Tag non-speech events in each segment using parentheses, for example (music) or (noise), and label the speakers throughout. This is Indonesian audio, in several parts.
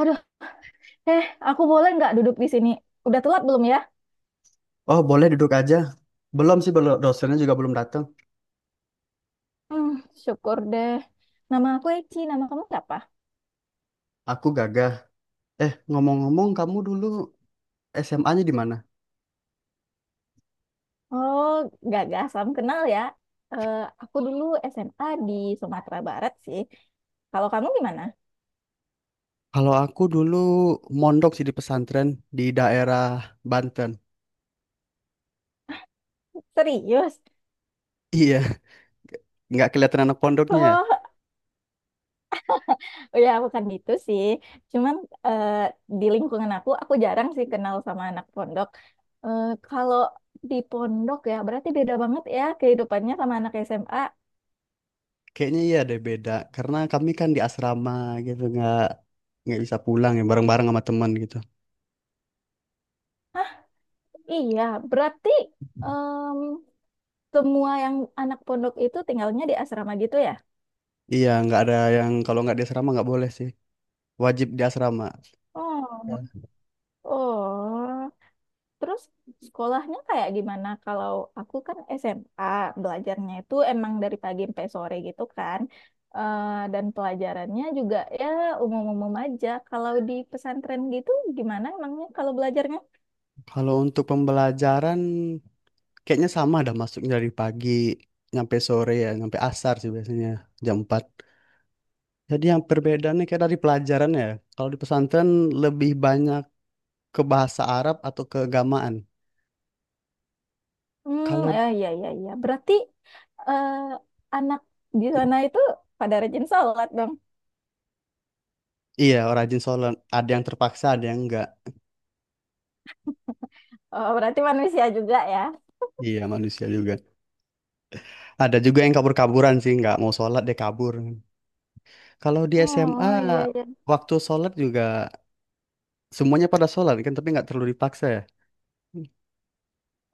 Speaker 1: Aduh, eh, aku boleh nggak duduk di sini? Udah telat belum ya?
Speaker 2: Oh, boleh duduk aja. Belum sih, belum dosennya juga belum datang.
Speaker 1: Hmm, syukur deh. Nama aku Eci, nama kamu siapa?
Speaker 2: Aku Gagah. Eh, ngomong-ngomong, kamu dulu SMA-nya di mana?
Speaker 1: Oh, Gaga, salam kenal ya. Eh, aku dulu SMA di Sumatera Barat sih. Kalau kamu gimana?
Speaker 2: Kalau aku dulu mondok sih di pesantren di daerah Banten. (laughs)
Speaker 1: Serius?
Speaker 2: Iya, nggak kelihatan anak pondoknya, ya?
Speaker 1: Oh, oh ya bukan gitu sih. Cuman eh, di lingkungan aku jarang sih kenal sama anak pondok. Kalau di pondok ya, berarti beda banget ya kehidupannya sama anak SMA.
Speaker 2: Kayaknya iya deh beda. Karena kami kan di asrama gitu, nggak bisa pulang ya bareng-bareng sama teman gitu.
Speaker 1: Iya, berarti semua yang anak pondok itu tinggalnya di asrama gitu ya?
Speaker 2: Iya, nggak ada yang kalau nggak di asrama nggak boleh sih. Wajib di asrama.
Speaker 1: Oh,
Speaker 2: Ya.
Speaker 1: oh. Terus sekolahnya kayak gimana? Kalau aku kan SMA, belajarnya itu emang dari pagi sampai sore gitu kan. Eh, dan pelajarannya juga ya umum-umum aja. Kalau di pesantren gitu gimana emangnya kalau belajarnya?
Speaker 2: Kalau untuk pembelajaran, kayaknya sama, ada masuknya dari pagi nyampe sore ya, nyampe asar sih biasanya jam 4. Jadi yang perbedaannya kayak dari pelajaran ya. Kalau di pesantren lebih banyak ke bahasa Arab atau keagamaan.
Speaker 1: Hmm,
Speaker 2: Kalau
Speaker 1: ya ya ya ya. Berarti eh, anak di sana itu pada rajin sholat dong.
Speaker 2: (clears throat) iya orang rajin sholat, ada yang terpaksa, ada yang enggak.
Speaker 1: Oh, berarti manusia juga ya?
Speaker 2: Iya manusia juga. Ada juga yang kabur-kaburan sih, nggak mau sholat dia kabur. Kalau di SMA
Speaker 1: Oh, iya, iya.
Speaker 2: waktu sholat juga semuanya pada sholat kan, tapi nggak terlalu dipaksa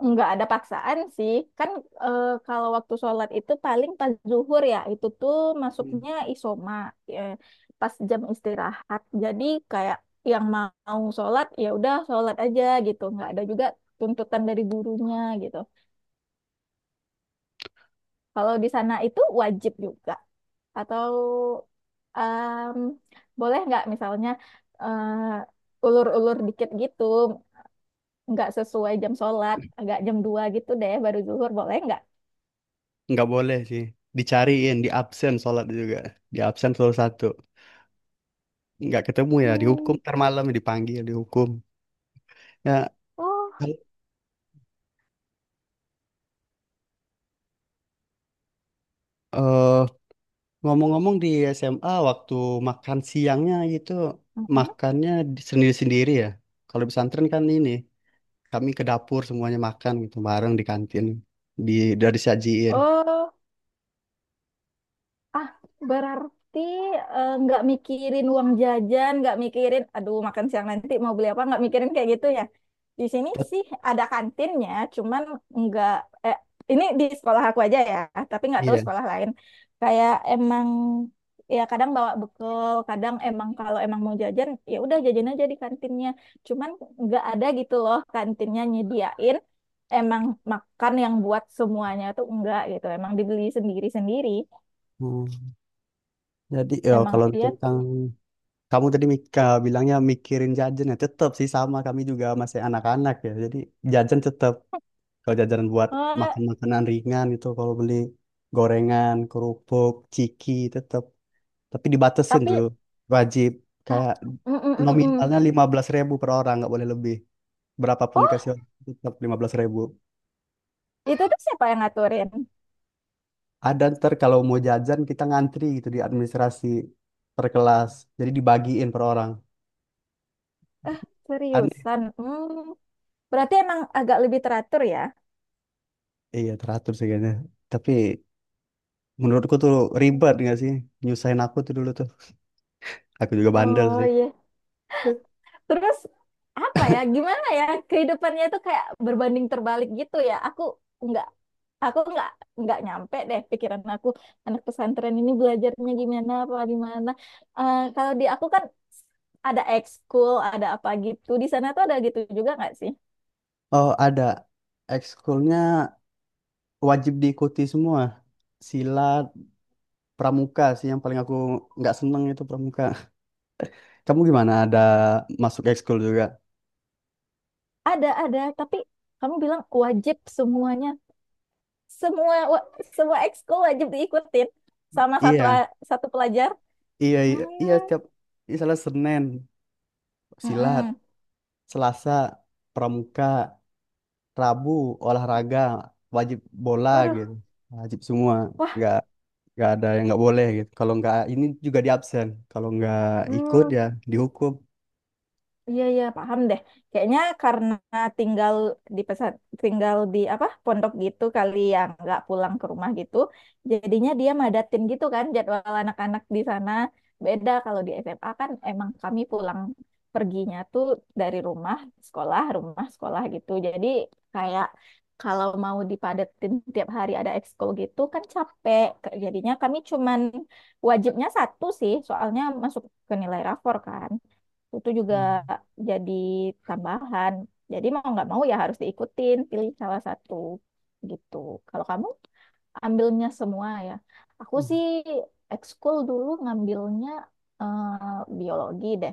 Speaker 1: Nggak ada paksaan sih. Kan kalau waktu sholat itu paling pas zuhur ya, itu tuh
Speaker 2: ya.
Speaker 1: masuknya isoma, eh, pas jam istirahat. Jadi kayak yang mau sholat ya udah sholat aja gitu. Nggak ada juga tuntutan dari gurunya gitu. Kalau di sana itu wajib juga. Atau em, boleh nggak misalnya ulur-ulur dikit gitu, nggak sesuai jam sholat, agak jam 2 gitu deh baru zuhur, boleh nggak?
Speaker 2: Nggak boleh sih, dicariin di absen sholat juga, di absen selalu satu, nggak ketemu ya dihukum
Speaker 1: Hmm,
Speaker 2: ntar malam ya, dipanggil dihukum ya.
Speaker 1: Oh,
Speaker 2: kal- eh, Ngomong-ngomong, di SMA waktu makan siangnya itu,
Speaker 1: Mhm.
Speaker 2: makannya sendiri-sendiri ya. Kalau di pesantren kan ini, kami ke dapur semuanya makan gitu bareng di kantin, di dari sajiin.
Speaker 1: Oh. Ah, berarti nggak mikirin uang jajan, nggak mikirin, aduh makan siang nanti mau beli apa, nggak mikirin kayak gitu ya. Di sini sih ada kantinnya, cuman nggak, eh, ini di sekolah aku aja ya, tapi nggak tahu
Speaker 2: Iya.
Speaker 1: sekolah lain. Kayak emang ya kadang bawa bekal, kadang emang kalau emang mau jajan, ya udah jajan aja di kantinnya. Cuman nggak ada gitu loh kantinnya nyediain emang makan yang buat semuanya tuh enggak gitu, emang dibeli sendiri-sendiri.
Speaker 2: Hmm, jadi ya,
Speaker 1: Emang
Speaker 2: kalau
Speaker 1: iya.
Speaker 2: tentang... Kamu tadi bilangnya mikirin jajan ya tetap sih, sama kami juga masih anak-anak ya. Jadi jajan tetap, kalau jajan buat
Speaker 1: Eh,
Speaker 2: makan makanan ringan itu kalau beli gorengan, kerupuk, ciki tetap. Tapi dibatasin
Speaker 1: tapi
Speaker 2: tuh, wajib
Speaker 1: ah,
Speaker 2: kayak
Speaker 1: mm, mm, mm, mm.
Speaker 2: nominalnya 15.000 per orang, nggak boleh lebih. Berapapun
Speaker 1: Oh,
Speaker 2: dikasih orang, tetap 15.000.
Speaker 1: itu tuh siapa yang ngaturin?
Speaker 2: Ada ntar kalau mau jajan kita ngantri gitu di administrasi per kelas. Jadi dibagiin per orang. Aneh.
Speaker 1: Seriusan. Berarti emang agak lebih teratur ya.
Speaker 2: Iya teratur sih kayaknya. Tapi menurutku tuh, ribet gak sih? Nyusahin aku tuh dulu tuh. Aku juga bandel
Speaker 1: Oh
Speaker 2: sih.
Speaker 1: iya. Terus apa ya? Gimana ya? Kehidupannya itu kayak berbanding terbalik gitu ya. Nggak aku nggak nyampe deh pikiran aku anak pesantren ini belajarnya gimana apa gimana. Kalau di aku kan ada ekskul, ada apa gitu. Di sana tuh ada gitu juga nggak sih?
Speaker 2: Oh, ada. Ekskulnya wajib diikuti semua. Silat, pramuka sih yang paling aku nggak seneng itu, pramuka. Kamu gimana? Ada masuk ekskul juga?
Speaker 1: Ada, tapi kamu bilang wajib semuanya. Semua wa- semua ekskul wajib diikutin sama satu
Speaker 2: Iya,
Speaker 1: a- satu pelajar.
Speaker 2: iya, iya, iya.
Speaker 1: Hmm,
Speaker 2: Setiap misalnya Senin silat,
Speaker 1: mm-mm.
Speaker 2: Selasa pramuka, Rabu olahraga wajib bola
Speaker 1: Waduh,
Speaker 2: gitu, wajib semua.
Speaker 1: wah,
Speaker 2: Nggak nggak ada yang nggak boleh gitu, kalau nggak ini juga di absen, kalau nggak ikut
Speaker 1: hmm.
Speaker 2: ya dihukum.
Speaker 1: Iya iya paham deh. Kayaknya karena tinggal di pesat tinggal di apa pondok gitu kali yang nggak pulang ke rumah gitu. Jadinya dia madatin gitu kan jadwal anak-anak di sana. Beda kalau di SMA kan emang kami pulang perginya tuh dari rumah sekolah gitu. Jadi kayak kalau mau dipadetin tiap hari ada ekskul gitu kan capek. Jadinya kami cuman wajibnya satu sih soalnya masuk ke nilai rapor kan itu juga
Speaker 2: Hmm.
Speaker 1: jadi tambahan. Jadi mau nggak mau ya harus diikutin, pilih salah satu gitu. Kalau kamu ambilnya semua ya. Aku sih ekskul dulu ngambilnya eh, biologi deh.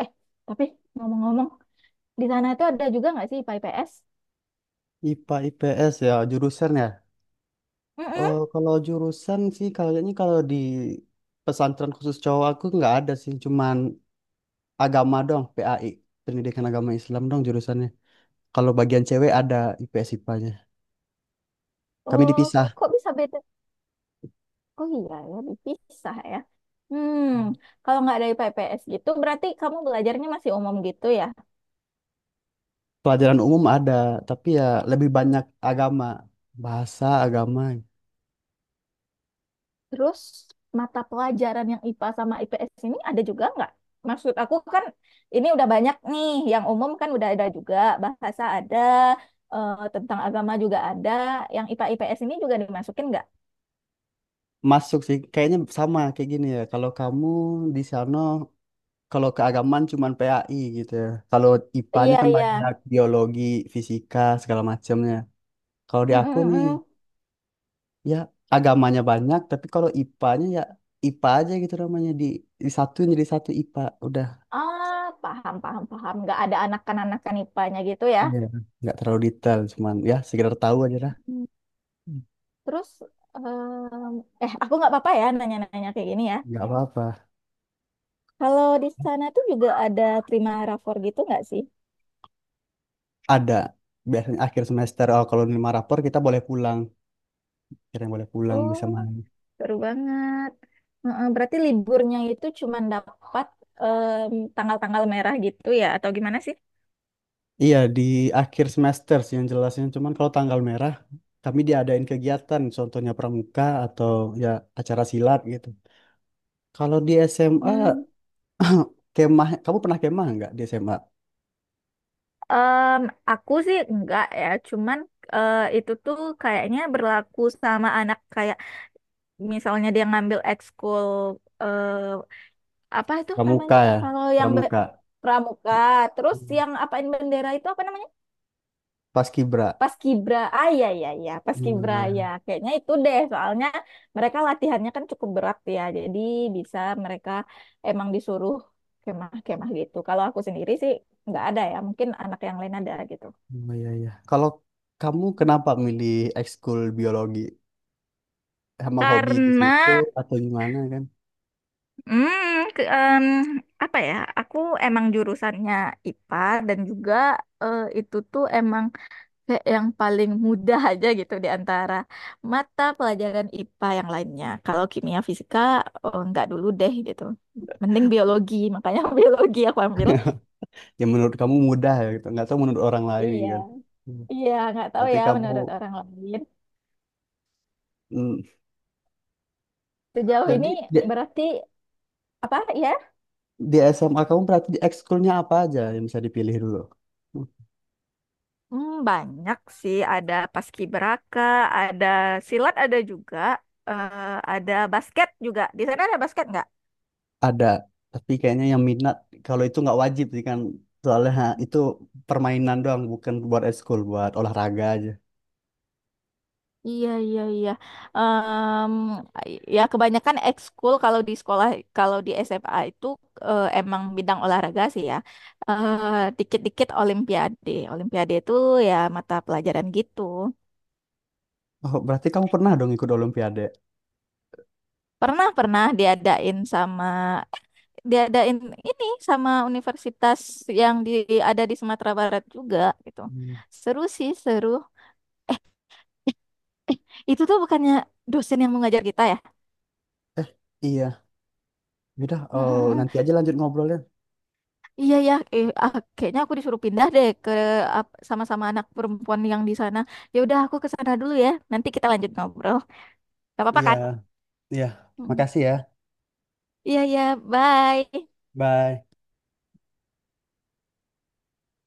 Speaker 1: Eh, tapi ngomong-ngomong, di sana itu ada juga nggak sih IPA IPS?
Speaker 2: IPA IPS ya jurusan ya.
Speaker 1: Mm-mm.
Speaker 2: Oh, kalau jurusan sih, kayaknya kalau di pesantren khusus cowok, aku nggak ada sih, cuman agama dong, PAI, pendidikan agama Islam dong jurusannya. Kalau bagian cewek ada IPS IPA-nya, kami
Speaker 1: Oh,
Speaker 2: dipisah.
Speaker 1: kok bisa beda? Oh iya ya, dipisah ya. Hmm, kalau nggak ada IPA IPS gitu, berarti kamu belajarnya masih umum gitu ya?
Speaker 2: Pelajaran umum ada, tapi ya lebih banyak agama, bahasa agama.
Speaker 1: Terus mata pelajaran yang IPA sama IPS ini ada juga nggak? Maksud aku kan ini udah banyak nih, yang umum kan udah ada juga, bahasa ada, tentang agama juga ada, yang IPA IPS ini juga dimasukin nggak?
Speaker 2: Masuk sih, kayaknya sama kayak gini ya. Kalau kamu di sana, kalau keagamaan cuman PAI gitu ya. Kalau IPA-nya
Speaker 1: Iya
Speaker 2: kan
Speaker 1: iya,
Speaker 2: banyak biologi, fisika, segala macamnya. Kalau di
Speaker 1: mm, mm,
Speaker 2: aku
Speaker 1: mm,
Speaker 2: nih,
Speaker 1: mm.
Speaker 2: ya agamanya banyak, tapi kalau IPA-nya ya IPA aja gitu namanya, di satu, jadi satu IPA. Udah.
Speaker 1: Ah paham paham paham, nggak ada anak-anakan IPA-nya gitu ya?
Speaker 2: Iya. Nggak terlalu detail, cuman ya sekedar tahu aja lah.
Speaker 1: Hmm.
Speaker 2: Hmm.
Speaker 1: Terus em, aku nggak apa-apa ya nanya-nanya kayak gini ya.
Speaker 2: Nggak apa-apa.
Speaker 1: Kalau di sana tuh juga ada prima rapor gitu nggak sih?
Speaker 2: Ada. Biasanya akhir semester, oh, kalau lima rapor kita boleh pulang. Kira-kira boleh pulang, bisa
Speaker 1: Oh,
Speaker 2: main.
Speaker 1: seru banget. Heeh, berarti liburnya itu cuma dapat tanggal-tanggal merah gitu ya, atau gimana sih?
Speaker 2: Iya, di akhir semester sih yang jelasnya. Cuman kalau tanggal merah, kami diadain kegiatan. Contohnya pramuka atau ya acara silat gitu. Kalau di SMA,
Speaker 1: Hmm,
Speaker 2: (laughs) kemah, kamu pernah kemah nggak di SMA?
Speaker 1: em, aku sih enggak ya, cuman itu tuh kayaknya berlaku sama anak kayak misalnya dia ngambil ekskul eh, apa itu
Speaker 2: Pramuka
Speaker 1: namanya?
Speaker 2: ya,
Speaker 1: Kalau yang be-
Speaker 2: pramuka.
Speaker 1: pramuka, terus
Speaker 2: Hmm.
Speaker 1: yang apain bendera itu apa namanya?
Speaker 2: Paskibra.
Speaker 1: Paskibra, ah iya iya iya, Paskibra
Speaker 2: Iya.
Speaker 1: ya. Kayaknya itu deh, soalnya mereka latihannya kan cukup berat ya. Jadi bisa mereka emang disuruh kemah-kemah gitu. Kalau aku sendiri sih nggak ada ya, mungkin anak yang lain ada gitu.
Speaker 2: Oh, iya, iya. Kalau kamu kenapa milih ekskul biologi? Emang hobi di
Speaker 1: Karena,
Speaker 2: situ atau gimana kan?
Speaker 1: hmm, ke, apa ya? Aku emang jurusannya IPA dan juga itu tuh emang kayak yang paling mudah (laughs) aja gitu di antara mata pelajaran IPA yang lainnya. Kalau kimia fisika oh, nggak dulu deh gitu. Mending biologi, makanya (laughs) biologi aku ambil.
Speaker 2: (laughs) Yang menurut kamu mudah ya gitu, nggak tahu menurut orang lain
Speaker 1: Iya,
Speaker 2: kan. Hmm.
Speaker 1: iya nggak tahu
Speaker 2: Berarti
Speaker 1: ya
Speaker 2: kamu...
Speaker 1: menurut orang lain.
Speaker 2: hmm,
Speaker 1: Sejauh
Speaker 2: jadi
Speaker 1: ini
Speaker 2: di,
Speaker 1: berarti apa ya?
Speaker 2: di SMA kamu, berarti di ekskulnya apa aja yang bisa dipilih dulu? Hmm,
Speaker 1: Banyak sih, ada paskibraka, ada silat, ada juga eh, ada basket juga. Di sana ada basket nggak?
Speaker 2: ada, tapi kayaknya yang minat, kalau itu nggak wajib sih kan, soalnya ha, itu permainan doang, bukan buat ekskul, buat olahraga aja.
Speaker 1: Iya, iya, iya. Em, ya kebanyakan ekskul kalau di sekolah, kalau di SMA itu emang bidang olahraga sih ya. Eh, Dikit-dikit Olimpiade. Olimpiade itu ya mata pelajaran gitu.
Speaker 2: Oh, berarti kamu pernah dong ikut olimpiade.
Speaker 1: Pernah, pernah diadain ini sama universitas yang ada di Sumatera Barat juga gitu.
Speaker 2: Hmm,
Speaker 1: Seru sih, seru. (laughs) Eh, Itu tuh bukannya dosen yang mengajar kita ya?
Speaker 2: iya, udah.
Speaker 1: Mm,
Speaker 2: Oh,
Speaker 1: mm,
Speaker 2: nanti aja lanjut ngobrolnya.
Speaker 1: Iya ya, ah, kayaknya aku disuruh pindah deh ke sama-sama anak perempuan yang di sana. Ya udah aku ke sana dulu ya. Nanti kita lanjut ngobrol. Gak apa-apa
Speaker 2: Iya,
Speaker 1: kan?
Speaker 2: iya,
Speaker 1: Mm.
Speaker 2: makasih ya.
Speaker 1: Iya ya, bye.
Speaker 2: Bye.